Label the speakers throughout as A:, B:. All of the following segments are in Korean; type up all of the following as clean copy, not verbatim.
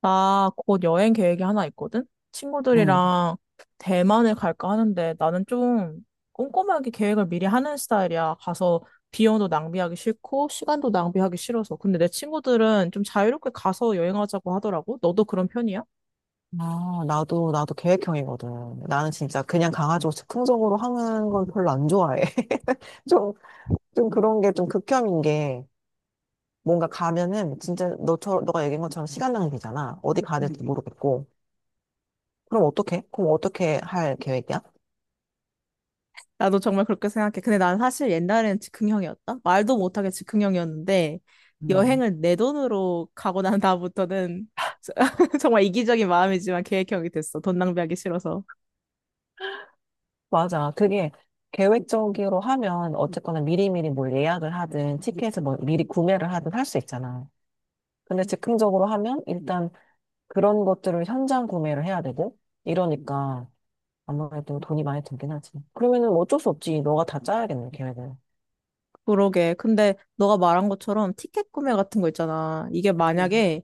A: 나 곧 여행 계획이 하나 있거든?
B: 응.
A: 친구들이랑 대만을 갈까 하는데 나는 좀 꼼꼼하게 계획을 미리 하는 스타일이야. 가서 비용도 낭비하기 싫고 시간도 낭비하기 싫어서. 근데 내 친구들은 좀 자유롭게 가서 여행하자고 하더라고. 너도 그런 편이야?
B: 아, 나도 계획형이거든. 나는 진짜 그냥 강아지고 즉흥적으로 하는 건 별로 안 좋아해. 좀, 좀 그런 게 좀 극혐인 게 뭔가 가면은 진짜 너처럼, 너가 얘기한 것처럼 시간 낭비잖아. 어디 가야 될지 모르겠고. 그럼 어떻게? 그럼 어떻게 할 계획이야?
A: 나도 정말 그렇게 생각해. 근데 난 사실 옛날엔 즉흥형이었다. 말도 못하게 즉흥형이었는데
B: 음.
A: 여행을 내 돈으로 가고 난 다음부터는 정말 이기적인 마음이지만 계획형이 됐어. 돈 낭비하기 싫어서.
B: 맞아. 그게 계획적으로 하면 어쨌거나 미리미리 뭘 예약을 하든 티켓을 뭐 미리 구매를 하든 할 수 있잖아. 근데 즉흥적으로 하면 일단 그런 것들을 현장 구매를 해야 되고 이러니까 아무래도 돈이 많이 들긴 하지. 그러면은 뭐 어쩔 수 없지. 너가 다 짜야겠네, 계획을.
A: 그러게. 근데 너가 말한 것처럼 티켓 구매 같은 거 있잖아. 이게
B: 음.
A: 만약에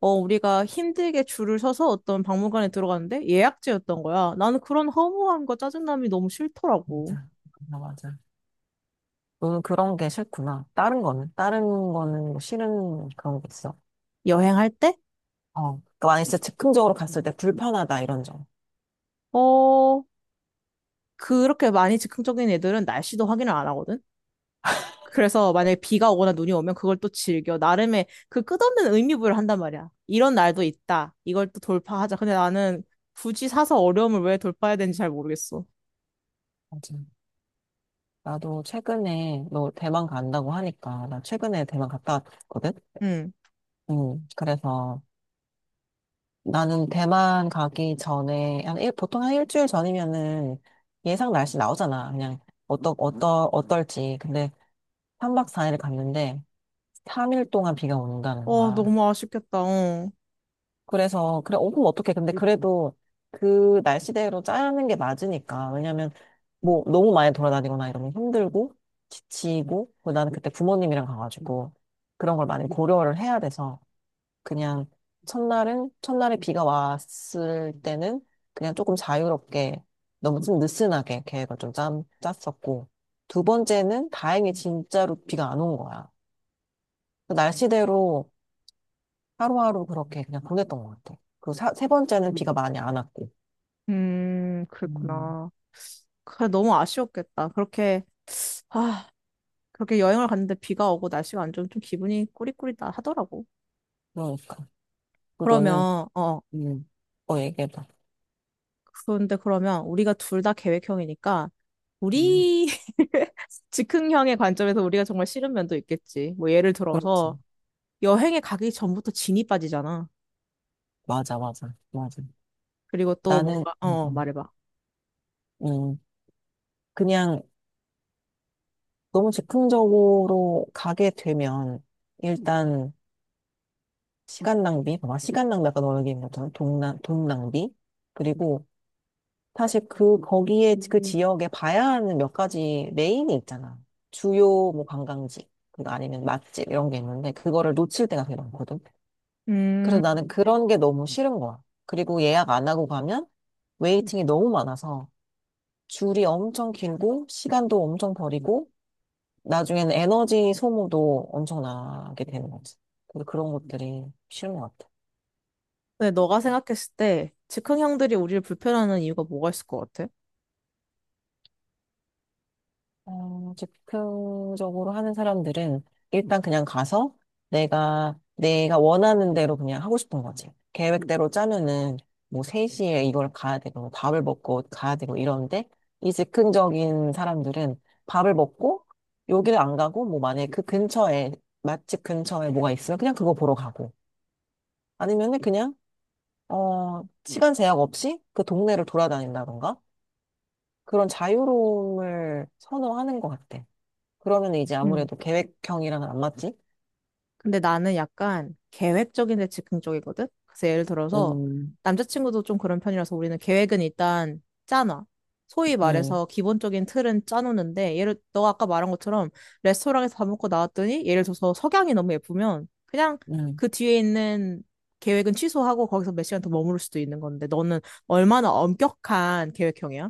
A: 우리가 힘들게 줄을 서서 어떤 박물관에 들어갔는데 예약제였던 거야. 나는 그런 허무함과 짜증남이 너무 싫더라고.
B: 맞아. 맞아, 맞아. 너는 그런 게 싫구나. 다른 거는? 다른 거는 뭐 싫은 그런 게 있어?
A: 여행할 때?
B: 어. 그러니까 만약에 진짜 즉흥적으로 갔을 때 불편하다, 이런 점.
A: 어 그렇게 많이 즉흥적인 애들은 날씨도 확인을 안 하거든. 그래서 만약에 비가 오거나 눈이 오면 그걸 또 즐겨. 나름의 그 끝없는 의미 부여를 한단 말이야. 이런 날도 있다. 이걸 또 돌파하자. 근데 나는 굳이 사서 어려움을 왜 돌파해야 되는지 잘 모르겠어.
B: 맞아. 나도 최근에, 너 대만 간다고 하니까, 나 최근에 대만 갔다 왔거든?
A: 응.
B: 그래서 나는 대만 가기 전에, 보통 한 일주일 전이면은 예상 날씨 나오잖아. 그냥, 어떨지. 근데 3박 4일 갔는데 3일 동안 비가 온다는
A: 어,
B: 거야.
A: 너무 아쉽겠다. 어.
B: 그래서 그래 그럼 어떡해. 근데 그래도 그 날씨대로 짜는 게 맞으니까. 왜냐면 뭐 너무 많이 돌아다니거나 이러면 힘들고 지치고 그리고 나는 그때 부모님이랑 가가지고 그런 걸 많이 고려를 해야 돼서 그냥 첫날은 첫날에 비가 왔을 때는 그냥 조금 자유롭게 너무 좀 느슨하게 계획을 좀 짰었고 두 번째는 다행히 진짜로 비가 안 온 거야. 그 날씨대로 하루하루 그렇게 그냥 보냈던 것 같아. 세 번째는 비가 많이 안 왔고. 음,
A: 그랬구나. 그래, 너무 아쉬웠겠다. 그렇게, 아, 그렇게 여행을 갔는데 비가 오고 날씨가 안 좋으면 좀 기분이 꾸리꾸리다 하더라고.
B: 그러니까. 그 너는,
A: 그러면, 어,
B: 음, 얘기해봐.
A: 그런데 그러면 우리가 둘 다 계획형이니까,
B: 음,
A: 우리 즉흥형의 관점에서 우리가 정말 싫은 면도 있겠지. 뭐 예를
B: 그렇지.
A: 들어서 여행에 가기 전부터 진이 빠지잖아.
B: 맞아, 맞아, 맞아.
A: 그리고 또
B: 나는,
A: 뭔가, 말해봐.
B: 음, 그냥 너무 즉흥적으로 가게 되면, 일단, 시간 낭비, 봐봐, 시간 낭비, 아까 너 얘기한 것처럼, 돈, 돈 낭비, 그리고 사실 그, 거기에, 그 지역에 봐야 하는 몇 가지 메인이 있잖아. 주요 뭐 관광지, 그리고 아니면 맛집 이런 게 있는데, 그거를 놓칠 때가 되게 많거든.
A: 음,
B: 그래서 나는 그런 게 너무 싫은 거야. 그리고 예약 안 하고 가면 웨이팅이 너무 많아서 줄이 엄청 길고, 시간도 엄청 버리고, 나중에는 에너지 소모도 엄청나게 되는 거지. 그래서 그런 것들이 싫은 것 같아.
A: 근데 너가 생각했을 때 즉흥형들이 우리를 불편하는 이유가 뭐가 있을 것 같아?
B: 즉흥적으로 하는 사람들은 일단 그냥 가서 내가 원하는 대로 그냥 하고 싶은 거지. 계획대로 짜면은 뭐 3시에 이걸 가야 되고, 뭐 밥을 먹고 가야 되고 이러는데, 이 즉흥적인 사람들은 밥을 먹고 여기를 안 가고, 뭐 만약에 그 근처에, 맛집 근처에 뭐가 있으면 그냥 그거 보러 가고, 아니면은 그냥, 시간 제약 없이 그 동네를 돌아다닌다던가, 그런 자유로움을 선호하는 것 같아. 그러면 이제
A: 음.
B: 아무래도 계획형이랑은 안 맞지?
A: 근데 나는 약간 계획적인 데 즉흥적이거든? 그래서 예를 들어서
B: 음,
A: 남자친구도 좀 그런 편이라서 우리는 계획은 일단 짜놔. 소위
B: 음,
A: 말해서 기본적인 틀은 짜놓는데 예를 너 아까 말한 것처럼 레스토랑에서 밥 먹고 나왔더니 예를 들어서 석양이 너무 예쁘면 그냥
B: 음.
A: 그 뒤에 있는 계획은 취소하고 거기서 몇 시간 더 머무를 수도 있는 건데 너는 얼마나 엄격한 계획형이야?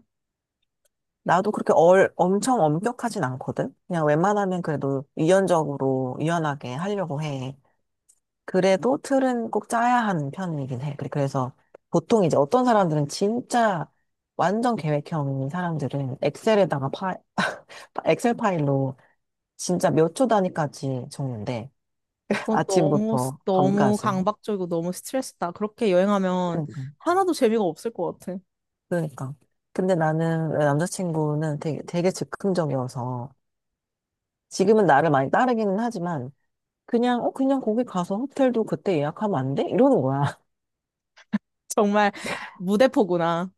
B: 나도 그렇게 엄청 엄격하진 않거든? 그냥 웬만하면 그래도 유연적으로, 유연하게 하려고 해. 그래도 틀은 꼭 짜야 하는 편이긴 해. 그래서 보통 이제 어떤 사람들은 진짜 완전 계획형인 사람들은 엑셀에다가 엑셀 파일로 진짜 몇 초 단위까지 적는데 아침부터
A: 너무
B: 밤까지.
A: 강박적이고 너무 스트레스다. 그렇게 여행하면
B: 응.
A: 하나도 재미가 없을 것 같아.
B: 그러니까. 근데 나는 내 남자친구는 되게, 되게 즉흥적이어서 지금은 나를 많이 따르기는 하지만 그냥 거기 가서 호텔도 그때 예약하면 안 돼? 이러는 거야.
A: 정말 무대포구나.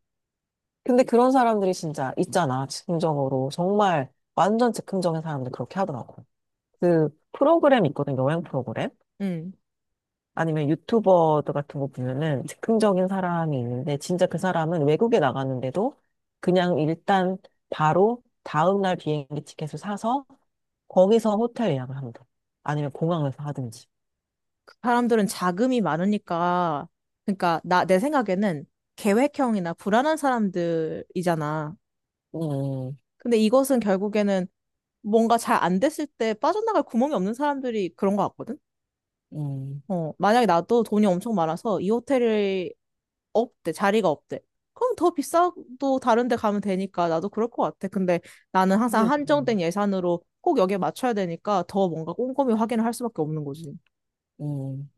B: 근데 그런 사람들이 진짜 있잖아. 즉흥적으로. 정말 완전 즉흥적인 사람들 그렇게 하더라고. 그 프로그램 있거든. 여행 프로그램.
A: 음,
B: 아니면 유튜버들 같은 거 보면은 즉흥적인 사람이 있는데 진짜 그 사람은 외국에 나갔는데도 그냥 일단 바로 다음날 비행기 티켓을 사서 거기서 호텔 예약을 하면 돼. 아니면 공항에서 하든지.
A: 그 사람들은 자금이 많으니까, 그러니까 나, 내 생각에는 계획형이나 불안한 사람들이잖아.
B: 음,
A: 근데 이것은 결국에는 뭔가 잘 안 됐을 때 빠져나갈 구멍이 없는 사람들이 그런 것 같거든?
B: 음,
A: 어, 만약에 나도 돈이 엄청 많아서 이 호텔이 없대, 자리가 없대. 그럼 더 비싸도 다른 데 가면 되니까 나도 그럴 것 같아. 근데 나는
B: 음,
A: 항상
B: 음,
A: 한정된 예산으로 꼭 여기에 맞춰야 되니까 더 뭔가 꼼꼼히 확인을 할 수밖에 없는 거지.
B: 음,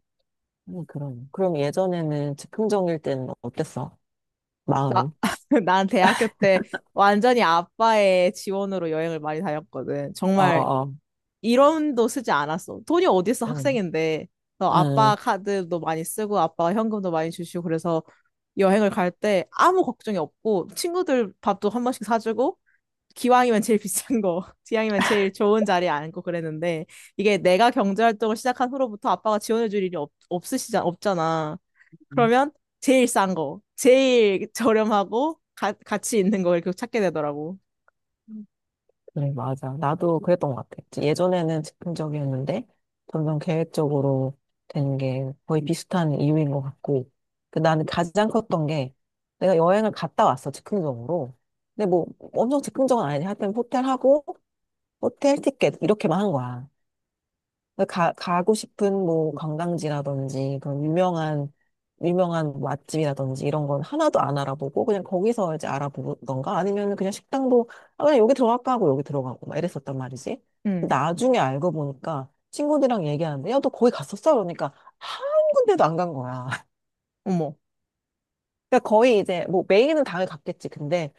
B: 그럼. 그럼 예전에는 즉흥적일 때는 어땠어?
A: 나,
B: 마음이?
A: 난 대학교 때 완전히 아빠의 지원으로 여행을 많이 다녔거든.
B: 어,
A: 정말
B: 어,
A: 1원도 쓰지 않았어. 돈이 어딨어,
B: 음,
A: 학생인데. 그래서
B: 음,
A: 아빠 카드도 많이 쓰고, 아빠가 현금도 많이 주시고, 그래서 여행을 갈 때 아무 걱정이 없고, 친구들 밥도 한 번씩 사주고, 기왕이면 제일 비싼 거, 기왕이면 제일 좋은 자리에 앉고 그랬는데, 이게 내가 경제활동을 시작한 후로부터 아빠가 지원해줄 일이 없으시잖아, 없잖아.
B: 음.
A: 그러면 제일 싼 거, 제일 저렴하고, 가치 있는 걸 계속 찾게 되더라고.
B: 그래, 맞아. 나도 그랬던 것 같아. 예전에는 즉흥적이었는데, 점점 계획적으로 되는 게 거의 비슷한 이유인 것 같고. 그 나는 가장 컸던 게, 내가 여행을 갔다 왔어, 즉흥적으로. 근데 뭐, 엄청 즉흥적은 아니지. 하여튼 호텔 하고, 호텔 티켓 이렇게만 한 거야. 그러니까 가고 싶은 뭐 관광지라든지 그런 유명한 뭐 맛집이라든지 이런 건 하나도 안 알아보고 그냥 거기서 이제 알아보던가 아니면 그냥 식당도 아, 그냥 여기 들어갈까 하고 여기 들어가고 막 이랬었단 말이지.
A: 응,
B: 나중에 알고 보니까 친구들이랑 얘기하는데 야, 너 거기 갔었어? 그러니까 한 군데도 안 간 거야.
A: 어머.
B: 그러니까 거의 이제 뭐 메인은 당연히 갔겠지. 근데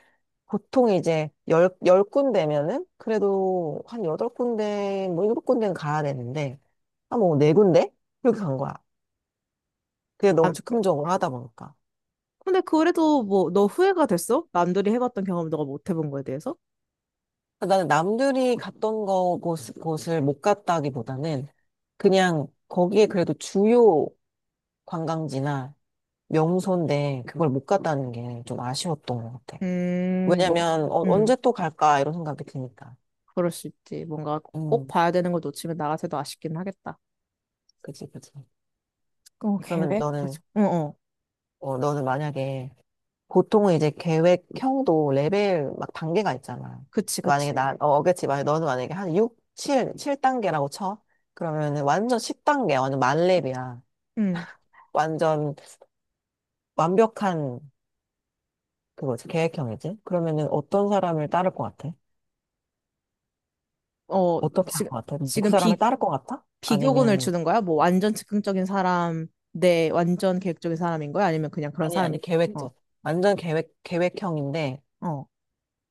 B: 보통 이제 열 군데면은 그래도 한 여덟 군데, 뭐 일곱 군데는 가야 되는데, 한 뭐 네 군데? 그렇게 간 거야. 그게 너무 즉흥적으로 하다 보니까.
A: 근데 그래도 뭐 너 후회가 됐어? 남들이 해봤던 경험을 너가 못 해본 거에 대해서?
B: 나는 남들이 갔던 곳을 못 갔다기보다는 그냥 거기에 그래도 주요 관광지나 명소인데 그걸 못 갔다는 게 좀 아쉬웠던 것 같아.
A: 뭐,
B: 왜냐면
A: 음,
B: 언제 또 갈까 이런 생각이 드니까.
A: 그럴 수 있지. 뭔가 꼭
B: 음,
A: 봐야 되는 걸 놓치면 나 같아도 아쉽긴 하겠다.
B: 그치, 그치.
A: 어,
B: 그러면
A: 계획?
B: 너는,
A: 그치. 어, 어.
B: 너는 만약에 보통은 이제 계획형도 레벨 막 단계가 있잖아.
A: 그치,
B: 만약에
A: 그치.
B: 어겠지. 만약에 너는 만약에 한 6, 7단계라고 쳐. 그러면은 완전 10단계, 완전 만렙이야.
A: 음,
B: 완전 완벽한 그거지. 계획형이지. 그러면은 어떤 사람을 따를 것 같아?
A: 어,
B: 어떻게 할
A: 지금,
B: 것 같아? 그
A: 지금
B: 사람을
A: 비,
B: 따를 것 같아?
A: 비교군을
B: 아니면,
A: 주는 거야? 뭐 완전 즉흥적인 사람 내 완전 계획적인 사람인 거야? 아니면 그냥 그런
B: 아니,
A: 사람?
B: 아니,
A: 어,
B: 계획적. 완전 계획형인데
A: 어.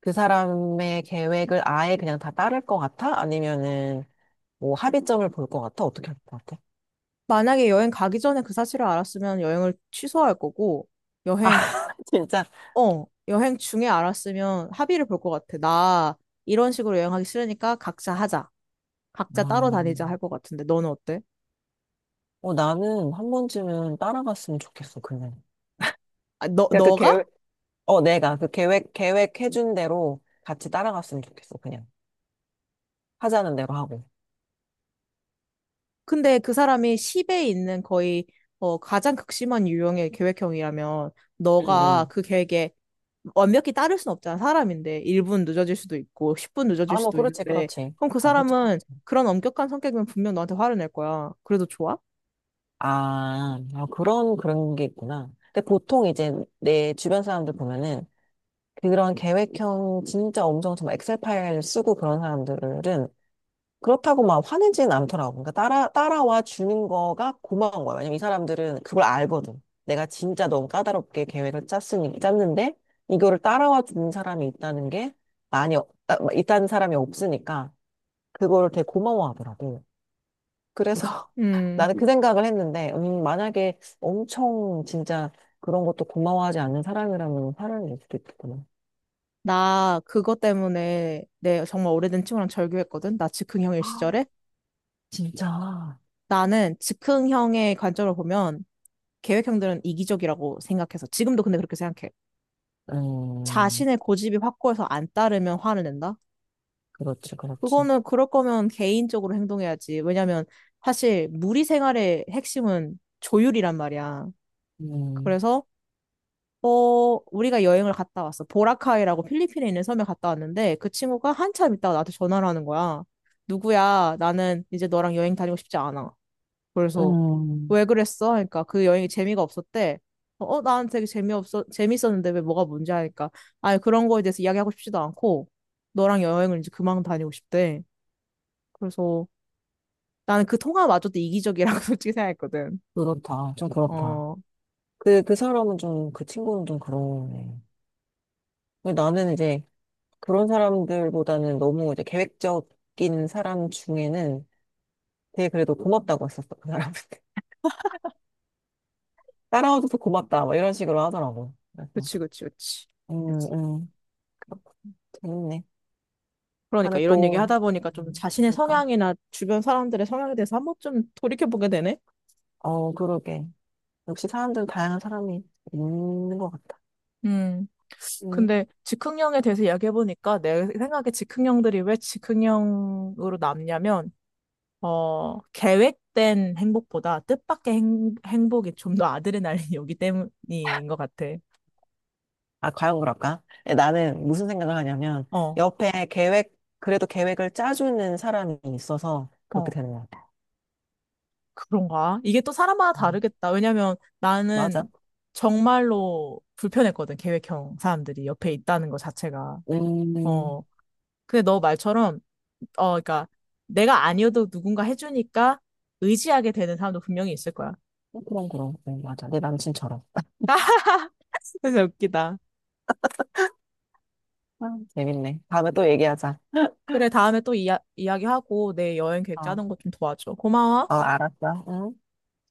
B: 그 사람의 계획을 아예 그냥 다 따를 것 같아? 아니면은 뭐 합의점을 볼 것 같아? 어떻게 할 것 같아?
A: 만약에 여행 가기 전에 그 사실을 알았으면 여행을 취소할 거고
B: 아,
A: 여행
B: 진짜.
A: 여행 중에 알았으면 합의를 볼 것 같아. 나 이런 식으로 여행하기 싫으니까 각자 하자. 각자 따로
B: 아,
A: 다니자 할 것 같은데 너는 어때?
B: 나는 한 번쯤은 따라갔으면 좋겠어, 그냥.
A: 아, 너
B: 그냥
A: 너가?
B: 내가 그 계획해준 대로 같이 따라갔으면 좋겠어, 그냥. 하자는 대로 하고.
A: 근데 그 사람이 10에 있는 거의 어, 가장 극심한 유형의 계획형이라면
B: 응,
A: 너가
B: 응.
A: 그 계획에 완벽히 따를 순 없잖아. 사람인데 1분 늦어질 수도 있고 10분 늦어질
B: 아, 뭐,
A: 수도
B: 그렇지,
A: 있는데
B: 그렇지.
A: 그럼 그
B: 어, 그렇지,
A: 사람은
B: 그렇지.
A: 그런 엄격한 성격이면 분명 너한테 화를 낼 거야. 그래도 좋아?
B: 아, 아, 그런 게 있구나. 근데 보통 이제 내 주변 사람들 보면은 그런 계획형 진짜 엄청 정말 엑셀 파일 쓰고 그런 사람들은 그렇다고 막 화내진 않더라고. 그러니까 따라와 주는 거가 고마운 거야. 왜냐면 이 사람들은 그걸 알거든. 내가 진짜 너무 까다롭게 계획을 짰으니, 짰는데, 이거를 따라와 주는 사람이 있다는 게 있다는 사람이 없으니까, 그거를 되게 고마워하더라고. 그래서
A: 음.
B: 나는 그 생각을 했는데, 만약에 엄청 진짜 그런 것도 고마워하지 않는 사람이라면 화를 낼 수도 있겠구나.
A: 나 그것 때문에 내 정말 오래된 친구랑 절교했거든. 나 즉흥형일
B: 아,
A: 시절에.
B: 진짜.
A: 나는 즉흥형의 관점으로 보면 계획형들은 이기적이라고 생각해서 지금도 근데 그렇게 생각해.
B: 음,
A: 자신의 고집이 확고해서 안 따르면 화를 낸다.
B: 그렇지, 그렇지.
A: 그거는 그럴 거면 개인적으로 행동해야지. 왜냐면 사실 무리 생활의 핵심은 조율이란 말이야.
B: 음.
A: 그래서 우리가 여행을 갔다 왔어. 보라카이라고 필리핀에 있는 섬에 갔다 왔는데 그 친구가 한참 있다가 나한테 전화를 하는 거야. 누구야? 나는 이제 너랑 여행 다니고 싶지 않아. 그래서
B: 음,
A: 왜 그랬어? 하니까 그 여행이 재미가 없었대. 어, 어, 나는 되게 재미없어, 재밌었는데 왜 뭐가 문제 하니까. 아니, 그런 거에 대해서 이야기하고 싶지도 않고, 너랑 여행을 이제 그만 다니고 싶대. 그래서 나는 그 통화마저도 이기적이라고 솔직히 생각했거든.
B: 그렇다. 좀 그렇다.
A: 어,
B: 그 사람은 좀, 그 친구는 좀 그러네. 근데 나는 이제 그런 사람들보다는 너무 이제 계획적인 사람 중에는 되게 그래도 고맙다고 했었어. 그 사람한테. 따라와줘서 고맙다. 막 이런 식으로 하더라고. 그래서,
A: 그치, 그치, 그치.
B: 음, 음. 그렇군. 재밌네.
A: 그러니까
B: 다음에
A: 이런 얘기
B: 또,
A: 하다 보니까 좀 자신의
B: 그러니까.
A: 성향이나 주변 사람들의 성향에 대해서 한 번쯤 돌이켜보게 되네?
B: 그러게. 역시 사람들은 다양한 사람이 있는 것 같다.
A: 음,
B: 음.
A: 근데 즉흥형에 대해서 이야기해보니까 내 생각에 즉흥형들이 왜 즉흥형으로 남냐면, 어, 계획된 행복보다 뜻밖의 행복이 좀 더 아드레날린이 오기 때문인 것 같아.
B: 아, 과연 그럴까? 예, 나는 무슨 생각을 하냐면,
A: 어,
B: 옆에 그래도 계획을 짜주는 사람이 있어서 그렇게
A: 어.
B: 되는 것 같아.
A: 그런가? 이게 또 사람마다
B: 음,
A: 다르겠다. 왜냐면 나는
B: 맞아.
A: 정말로 불편했거든, 계획형 사람들이 옆에 있다는 것 자체가.
B: 음,
A: 어. 근데 너 말처럼, 어, 그러니까 내가 아니어도 누군가 해주니까 의지하게 되는 사람도 분명히 있을 거야.
B: 그럼, 그럼. 네, 맞아. 내 남친처럼.
A: 진짜 웃기다.
B: 아, 재밌네. 다음에 또 얘기하자.
A: 그래, 다음에 또 이야기하고 내 여행 계획
B: 어,
A: 짜는 거 좀 도와줘. 고마워.
B: 어, 알았어. 음.